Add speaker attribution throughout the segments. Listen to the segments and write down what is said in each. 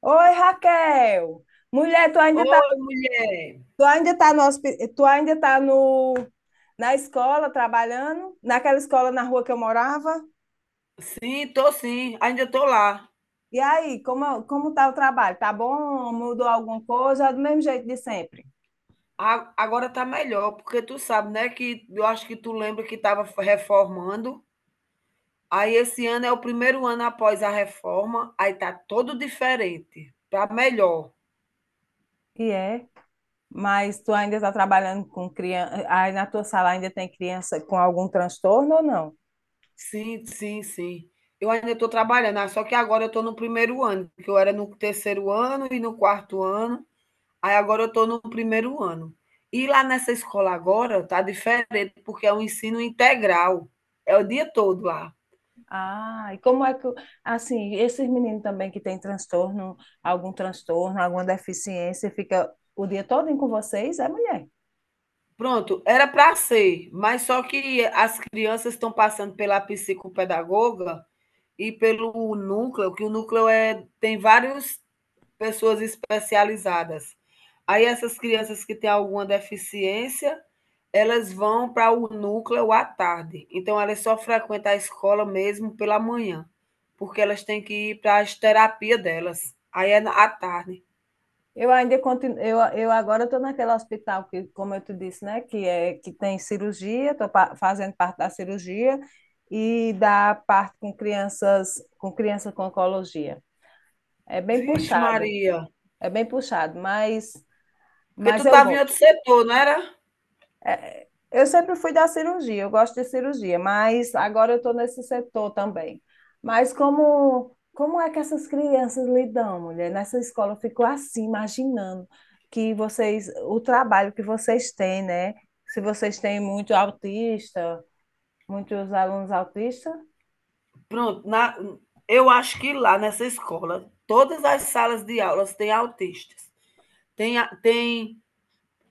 Speaker 1: Oi, Raquel. Mulher,
Speaker 2: Oi, mulher.
Speaker 1: tu ainda tá no, na escola trabalhando, naquela escola na rua que eu morava?
Speaker 2: Sim, tô sim. Ainda tô lá.
Speaker 1: E aí, como tá o trabalho? Tá bom? Mudou alguma coisa? É do mesmo jeito de sempre.
Speaker 2: Agora tá melhor, porque tu sabe, né, que eu acho que tu lembra que tava reformando. Aí esse ano é o primeiro ano após a reforma, aí tá todo diferente, tá melhor.
Speaker 1: E é. Mas tu ainda tá trabalhando com criança, aí na tua sala ainda tem criança com algum transtorno ou não?
Speaker 2: Sim. Eu ainda estou trabalhando, só que agora eu estou no primeiro ano, porque eu era no terceiro ano e no quarto ano. Aí agora eu estou no primeiro ano. E lá nessa escola agora está diferente, porque é um ensino integral. É o dia todo lá.
Speaker 1: Ah, assim, esses meninos também que têm transtorno, algum transtorno, alguma deficiência, fica o dia todo com vocês, é mulher.
Speaker 2: Pronto, era para ser, mas só que as crianças estão passando pela psicopedagoga e pelo núcleo, que o núcleo é, tem várias pessoas especializadas. Aí essas crianças que têm alguma deficiência, elas vão para o núcleo à tarde. Então elas só frequentam a escola mesmo pela manhã, porque elas têm que ir para as terapias delas. Aí é à tarde.
Speaker 1: Eu ainda continuo, eu agora estou naquele hospital que, como eu te disse, né, que é que tem cirurgia, estou fazendo parte da cirurgia e da parte com crianças, com crianças com oncologia. É bem
Speaker 2: Vixe,
Speaker 1: puxado,
Speaker 2: Maria,
Speaker 1: é bem puxado,
Speaker 2: porque tu
Speaker 1: mas eu
Speaker 2: estava em outro
Speaker 1: gosto.
Speaker 2: setor, não era?
Speaker 1: É, eu sempre fui da cirurgia, eu gosto de cirurgia, mas agora eu estou nesse setor também. Mas como é que essas crianças lidam, mulher? Nessa escola eu fico assim, imaginando que vocês, o trabalho que vocês têm, né? Se vocês têm muito autista, muitos alunos autistas.
Speaker 2: Pronto, na, eu acho que lá nessa escola, todas as salas de aulas têm autistas. Tem, a- tem,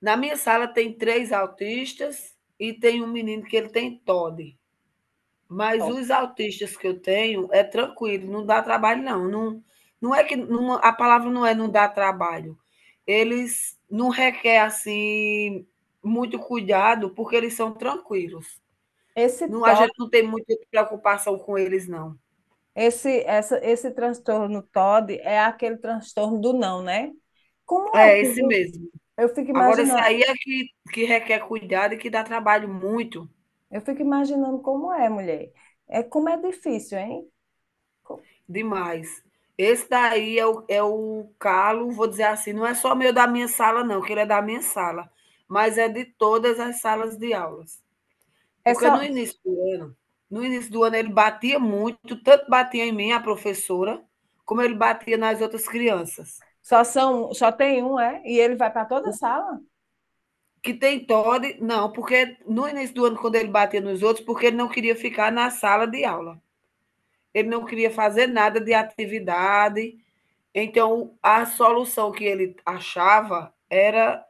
Speaker 2: na minha sala tem três autistas e tem um menino que ele tem TOD. Mas os autistas que eu tenho é tranquilo, não dá trabalho não. Não, não é que não- a palavra não é não dá trabalho. Eles não requer assim muito cuidado porque eles são tranquilos.
Speaker 1: Esse
Speaker 2: Não, a gente não tem muita preocupação com eles não.
Speaker 1: Esse transtorno TOD é aquele transtorno do não, né? Como é?
Speaker 2: É
Speaker 1: Que
Speaker 2: esse
Speaker 1: vo-
Speaker 2: mesmo.
Speaker 1: Eu fico
Speaker 2: Agora esse
Speaker 1: imaginando,
Speaker 2: aí é que requer cuidado e que dá trabalho muito,
Speaker 1: eu fico imaginando como é, mulher. É como é difícil, hein? Co-
Speaker 2: demais. Esse daí é o calo, vou dizer assim, não é só meu da minha sala não, que ele é da minha sala, mas é de todas as salas de aulas.
Speaker 1: É
Speaker 2: Porque no
Speaker 1: só,
Speaker 2: início do ano no início do ano ele batia muito, tanto batia em mim, a professora, como ele batia nas outras crianças.
Speaker 1: só são, só tem um, é? E ele vai para toda a
Speaker 2: O
Speaker 1: sala?
Speaker 2: que tem TOD não, porque no início do ano quando ele batia nos outros, porque ele não queria ficar na sala de aula. Ele não queria fazer nada de atividade. Então, a solução que ele achava era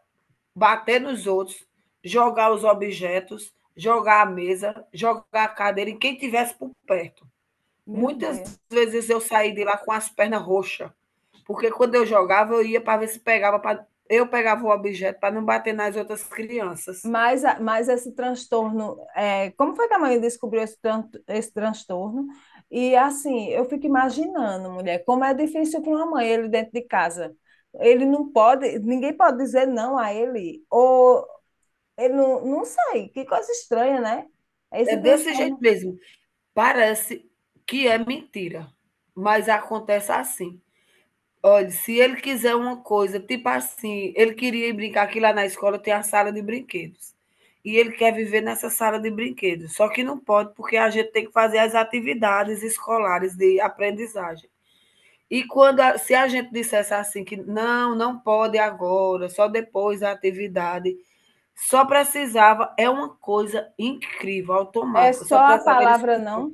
Speaker 2: bater nos outros, jogar os objetos, jogar a mesa, jogar a cadeira em quem tivesse por perto.
Speaker 1: Meu
Speaker 2: Muitas
Speaker 1: Deus.
Speaker 2: vezes eu saí de lá com as pernas roxas, porque quando eu jogava, eu ia para ver se pegava. Eu pegava o objeto para não bater nas outras crianças.
Speaker 1: Mas esse transtorno, é, como foi que a mãe descobriu esse transtorno? E assim, eu fico imaginando, mulher, como é difícil para uma mãe ele dentro de casa. Ele não pode, ninguém pode dizer não a ele. Ou ele não, não sei, que coisa estranha, né?
Speaker 2: É
Speaker 1: Esse
Speaker 2: desse jeito
Speaker 1: transtorno
Speaker 2: mesmo. Parece que é mentira, mas acontece assim. Olha, se ele quiser uma coisa, tipo assim, ele queria ir brincar que lá na escola tem a sala de brinquedos. E ele quer viver nessa sala de brinquedos. Só que não pode, porque a gente tem que fazer as atividades escolares de aprendizagem. E quando se a gente dissesse assim que não, não pode agora, só depois da atividade, só precisava, é uma coisa incrível,
Speaker 1: é
Speaker 2: automática,
Speaker 1: só
Speaker 2: só
Speaker 1: a
Speaker 2: precisava ele.
Speaker 1: palavra não.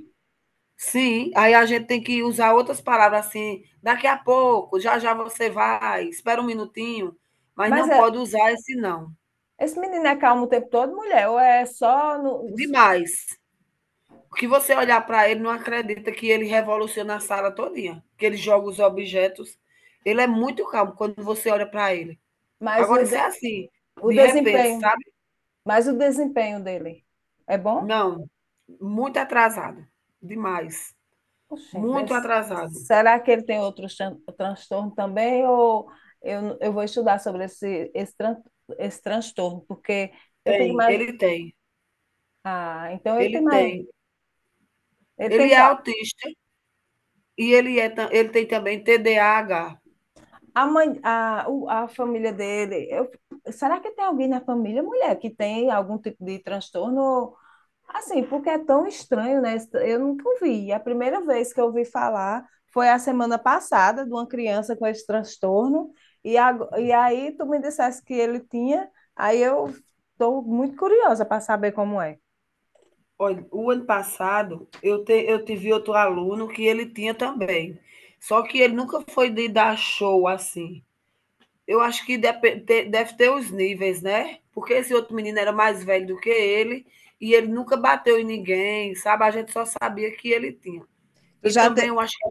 Speaker 2: Sim, aí a gente tem que usar outras palavras assim, daqui a pouco, já já você vai, espera um minutinho, mas
Speaker 1: Mas
Speaker 2: não
Speaker 1: é-
Speaker 2: pode usar esse não.
Speaker 1: esse menino é calmo o tempo todo, mulher, ou é só no,
Speaker 2: Demais. O que você olhar para ele não acredita que ele revoluciona a sala todinha, que ele joga os objetos. Ele é muito calmo quando você olha para ele.
Speaker 1: mas
Speaker 2: Agora
Speaker 1: o,
Speaker 2: isso é
Speaker 1: de-
Speaker 2: assim,
Speaker 1: o
Speaker 2: de repente,
Speaker 1: desempenho,
Speaker 2: sabe?
Speaker 1: mas o desempenho dele é bom?
Speaker 2: Não, muito atrasado, demais,
Speaker 1: Oxente,
Speaker 2: muito
Speaker 1: des-
Speaker 2: atrasado.
Speaker 1: será que ele tem outros transtorno também? Ou eu vou estudar sobre esse transtorno, porque eu fico
Speaker 2: Tem,
Speaker 1: mais.
Speaker 2: ele tem,
Speaker 1: Ah, então ele tem
Speaker 2: ele
Speaker 1: mais.
Speaker 2: tem.
Speaker 1: Ele tem
Speaker 2: Ele é
Speaker 1: qual?
Speaker 2: autista. E ele é tam ele tem também TDAH.
Speaker 1: A mãe, a, o- a família dele. Será que tem alguém na família, mulher, que tem algum tipo de transtorno? Assim, porque é tão estranho, né? Eu nunca ouvi. A primeira vez que eu ouvi falar foi a semana passada de uma criança com esse transtorno. E, e aí tu me dissesse que ele tinha, aí eu estou muito curiosa para saber como é.
Speaker 2: Olha, o ano passado eu tive outro aluno que ele tinha também, só que ele nunca foi de dar show, assim. Eu acho que depe te deve ter os níveis, né, porque esse outro menino era mais velho do que ele, e ele nunca bateu em ninguém, sabe, a gente só sabia que ele tinha.
Speaker 1: Tu
Speaker 2: E
Speaker 1: já
Speaker 2: também
Speaker 1: te...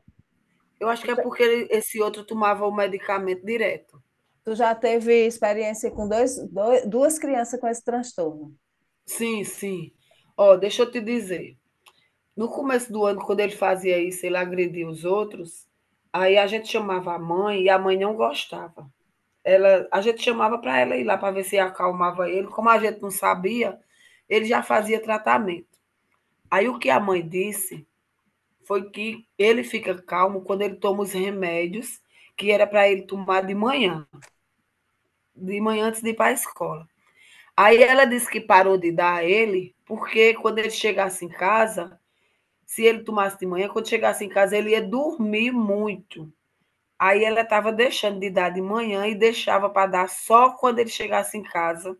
Speaker 2: eu acho
Speaker 1: Tu
Speaker 2: que é
Speaker 1: já,
Speaker 2: porque ele esse outro tomava o medicamento direto.
Speaker 1: tu já teve experiência com duas crianças com esse transtorno?
Speaker 2: Sim, sim. Ó, deixa eu te dizer. No começo do ano, quando ele fazia isso, ele agredia os outros, aí a gente chamava a mãe e a mãe não gostava. Ela, a gente chamava para ela ir lá para ver se acalmava ele. Como a gente não sabia, ele já fazia tratamento. Aí o que a mãe disse foi que ele fica calmo quando ele toma os remédios que era para ele tomar de manhã antes de ir para a escola. Aí ela disse que parou de dar a ele, porque quando ele chegasse em casa, se ele tomasse de manhã, quando chegasse em casa, ele ia dormir muito. Aí ela estava deixando de dar de manhã e deixava para dar só quando ele chegasse em casa,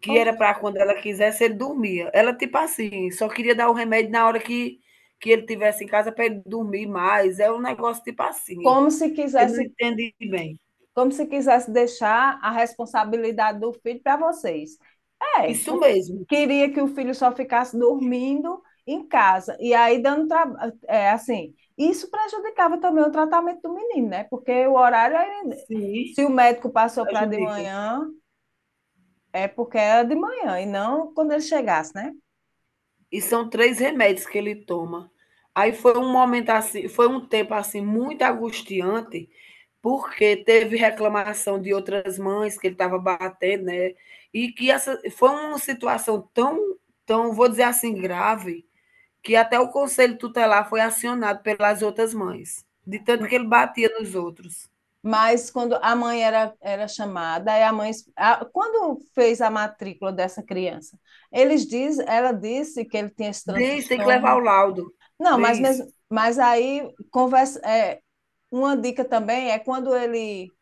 Speaker 2: que era
Speaker 1: Oxe.
Speaker 2: para quando ela quisesse, ele dormia. Ela, tipo assim, só queria dar o remédio na hora que ele tivesse em casa para ele dormir mais. É um negócio tipo assim.
Speaker 1: Como se
Speaker 2: Eu não
Speaker 1: quisesse
Speaker 2: entendi bem.
Speaker 1: como se quisesse deixar a responsabilidade do filho para vocês. É,
Speaker 2: Isso
Speaker 1: porque
Speaker 2: mesmo.
Speaker 1: queria que o filho só ficasse dormindo em casa e aí dando trabalho, é, assim, isso prejudicava também o tratamento do menino, né? Porque o horário ele-
Speaker 2: Sim,
Speaker 1: se o médico passou para de
Speaker 2: ajude.
Speaker 1: manhã, é porque era de manhã e não quando ele chegasse, né?
Speaker 2: E são 3 remédios que ele toma. Aí foi um momento assim foi um tempo, assim, muito angustiante, porque teve reclamação de outras mães que ele estava batendo, né, e que essa foi uma situação tão, vou dizer assim, grave, que até o conselho tutelar foi acionado pelas outras mães, de tanto que ele batia nos outros.
Speaker 1: Mas quando era chamada, quando fez a matrícula dessa criança, ela disse que ele tinha esse
Speaker 2: Diz: "Tem que levar o
Speaker 1: transtorno.
Speaker 2: laudo",
Speaker 1: Não, mas
Speaker 2: diz.
Speaker 1: mesmo, mas aí conversa, é, uma dica também é quando ele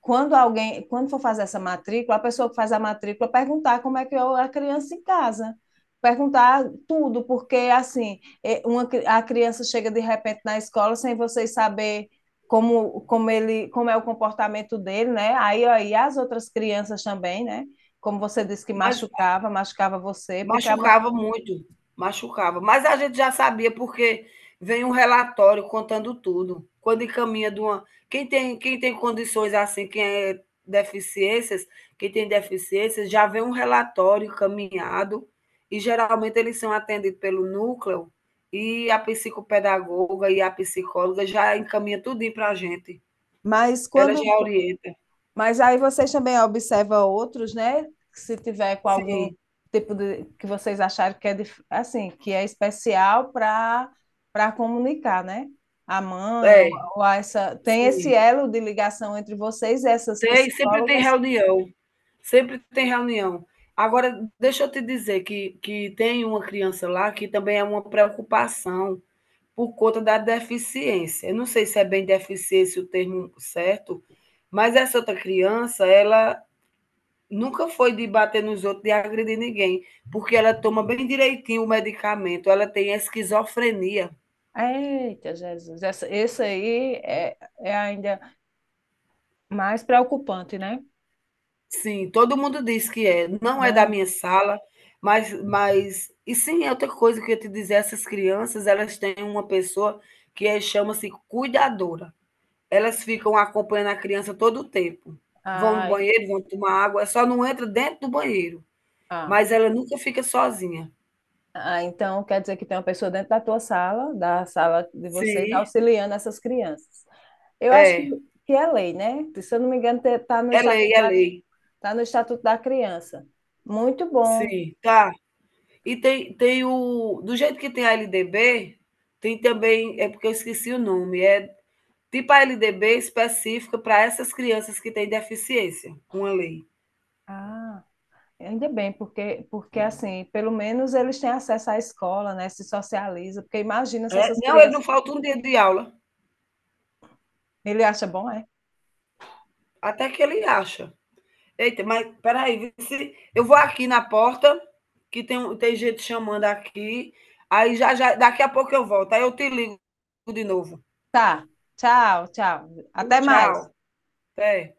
Speaker 1: quando alguém, quando for fazer essa matrícula, a pessoa que faz a matrícula perguntar como é que é a criança em casa. Perguntar tudo, porque assim, é, uma, a criança chega de repente na escola sem vocês saber como, como ele, como é o comportamento dele, né? Aí as outras crianças também, né? Como você disse que
Speaker 2: Mas
Speaker 1: machucava, machucava você, porque a... mãe...
Speaker 2: Machucava muito, machucava. Mas a gente já sabia porque vem um relatório contando tudo. Quando encaminha de uma quem tem condições assim, quem é deficiências, quem tem deficiências, já vem um relatório encaminhado e geralmente eles são atendidos pelo núcleo e a psicopedagoga e a psicóloga já encaminha tudinho para a gente.
Speaker 1: mas
Speaker 2: Ela
Speaker 1: quando
Speaker 2: já orienta.
Speaker 1: Mas aí vocês também observam outros, né? Se tiver com algum
Speaker 2: Sim,
Speaker 1: tipo de que vocês acharem que é assim, que é especial para comunicar, né? A mãe ou,
Speaker 2: é,
Speaker 1: ou a essa tem esse
Speaker 2: sim.
Speaker 1: elo de ligação entre vocês e essas
Speaker 2: Tem, sempre tem
Speaker 1: psicólogas.
Speaker 2: reunião. Sempre tem reunião. Agora, deixa eu te dizer que tem uma criança lá que também é uma preocupação por conta da deficiência. Eu não sei se é bem deficiência o termo certo, mas essa outra criança, ela nunca foi de bater nos outros, de agredir ninguém, porque ela toma bem direitinho o medicamento, ela tem esquizofrenia.
Speaker 1: Eita, Jesus, essa, esse aí é, é ainda mais preocupante, né?
Speaker 2: Sim, todo mundo diz que é. Não é da
Speaker 1: Muito.
Speaker 2: minha sala, mas sim, é outra coisa que eu ia te dizer, essas crianças, elas têm uma pessoa que é chama-se cuidadora. Elas ficam acompanhando a criança todo o tempo. Vão no
Speaker 1: Ah, e-
Speaker 2: banheiro, vão tomar água, só não entra dentro do banheiro,
Speaker 1: ah.
Speaker 2: mas ela nunca fica sozinha.
Speaker 1: Ah, então quer dizer que tem uma pessoa dentro da tua sala, da sala de vocês,
Speaker 2: Sim,
Speaker 1: auxiliando essas crianças. Eu acho
Speaker 2: é.
Speaker 1: que é lei, né? Se eu não me engano, está no
Speaker 2: É lei,
Speaker 1: estatuto,
Speaker 2: é lei.
Speaker 1: tá no estatuto da criança. Muito bom.
Speaker 2: Sim, tá. E tem tem o do jeito que tem a LDB, tem também é porque eu esqueci o nome, é tipo a LDB específica para essas crianças que têm deficiência, uma lei.
Speaker 1: Ah, ainda bem, porque, porque assim, pelo menos eles têm acesso à escola, né? Se socializa, porque imagina se
Speaker 2: É,
Speaker 1: essas
Speaker 2: não, ele não
Speaker 1: crianças.
Speaker 2: falta um dia de aula,
Speaker 1: Ele acha bom, é?
Speaker 2: até que ele acha. Eita, mas peraí, se eu vou aqui na porta, que tem, um, tem gente chamando aqui, aí já, já daqui a pouco eu volto, aí eu te ligo de novo.
Speaker 1: Tá. Tchau, tchau. Até
Speaker 2: Tchau.
Speaker 1: mais.
Speaker 2: Até.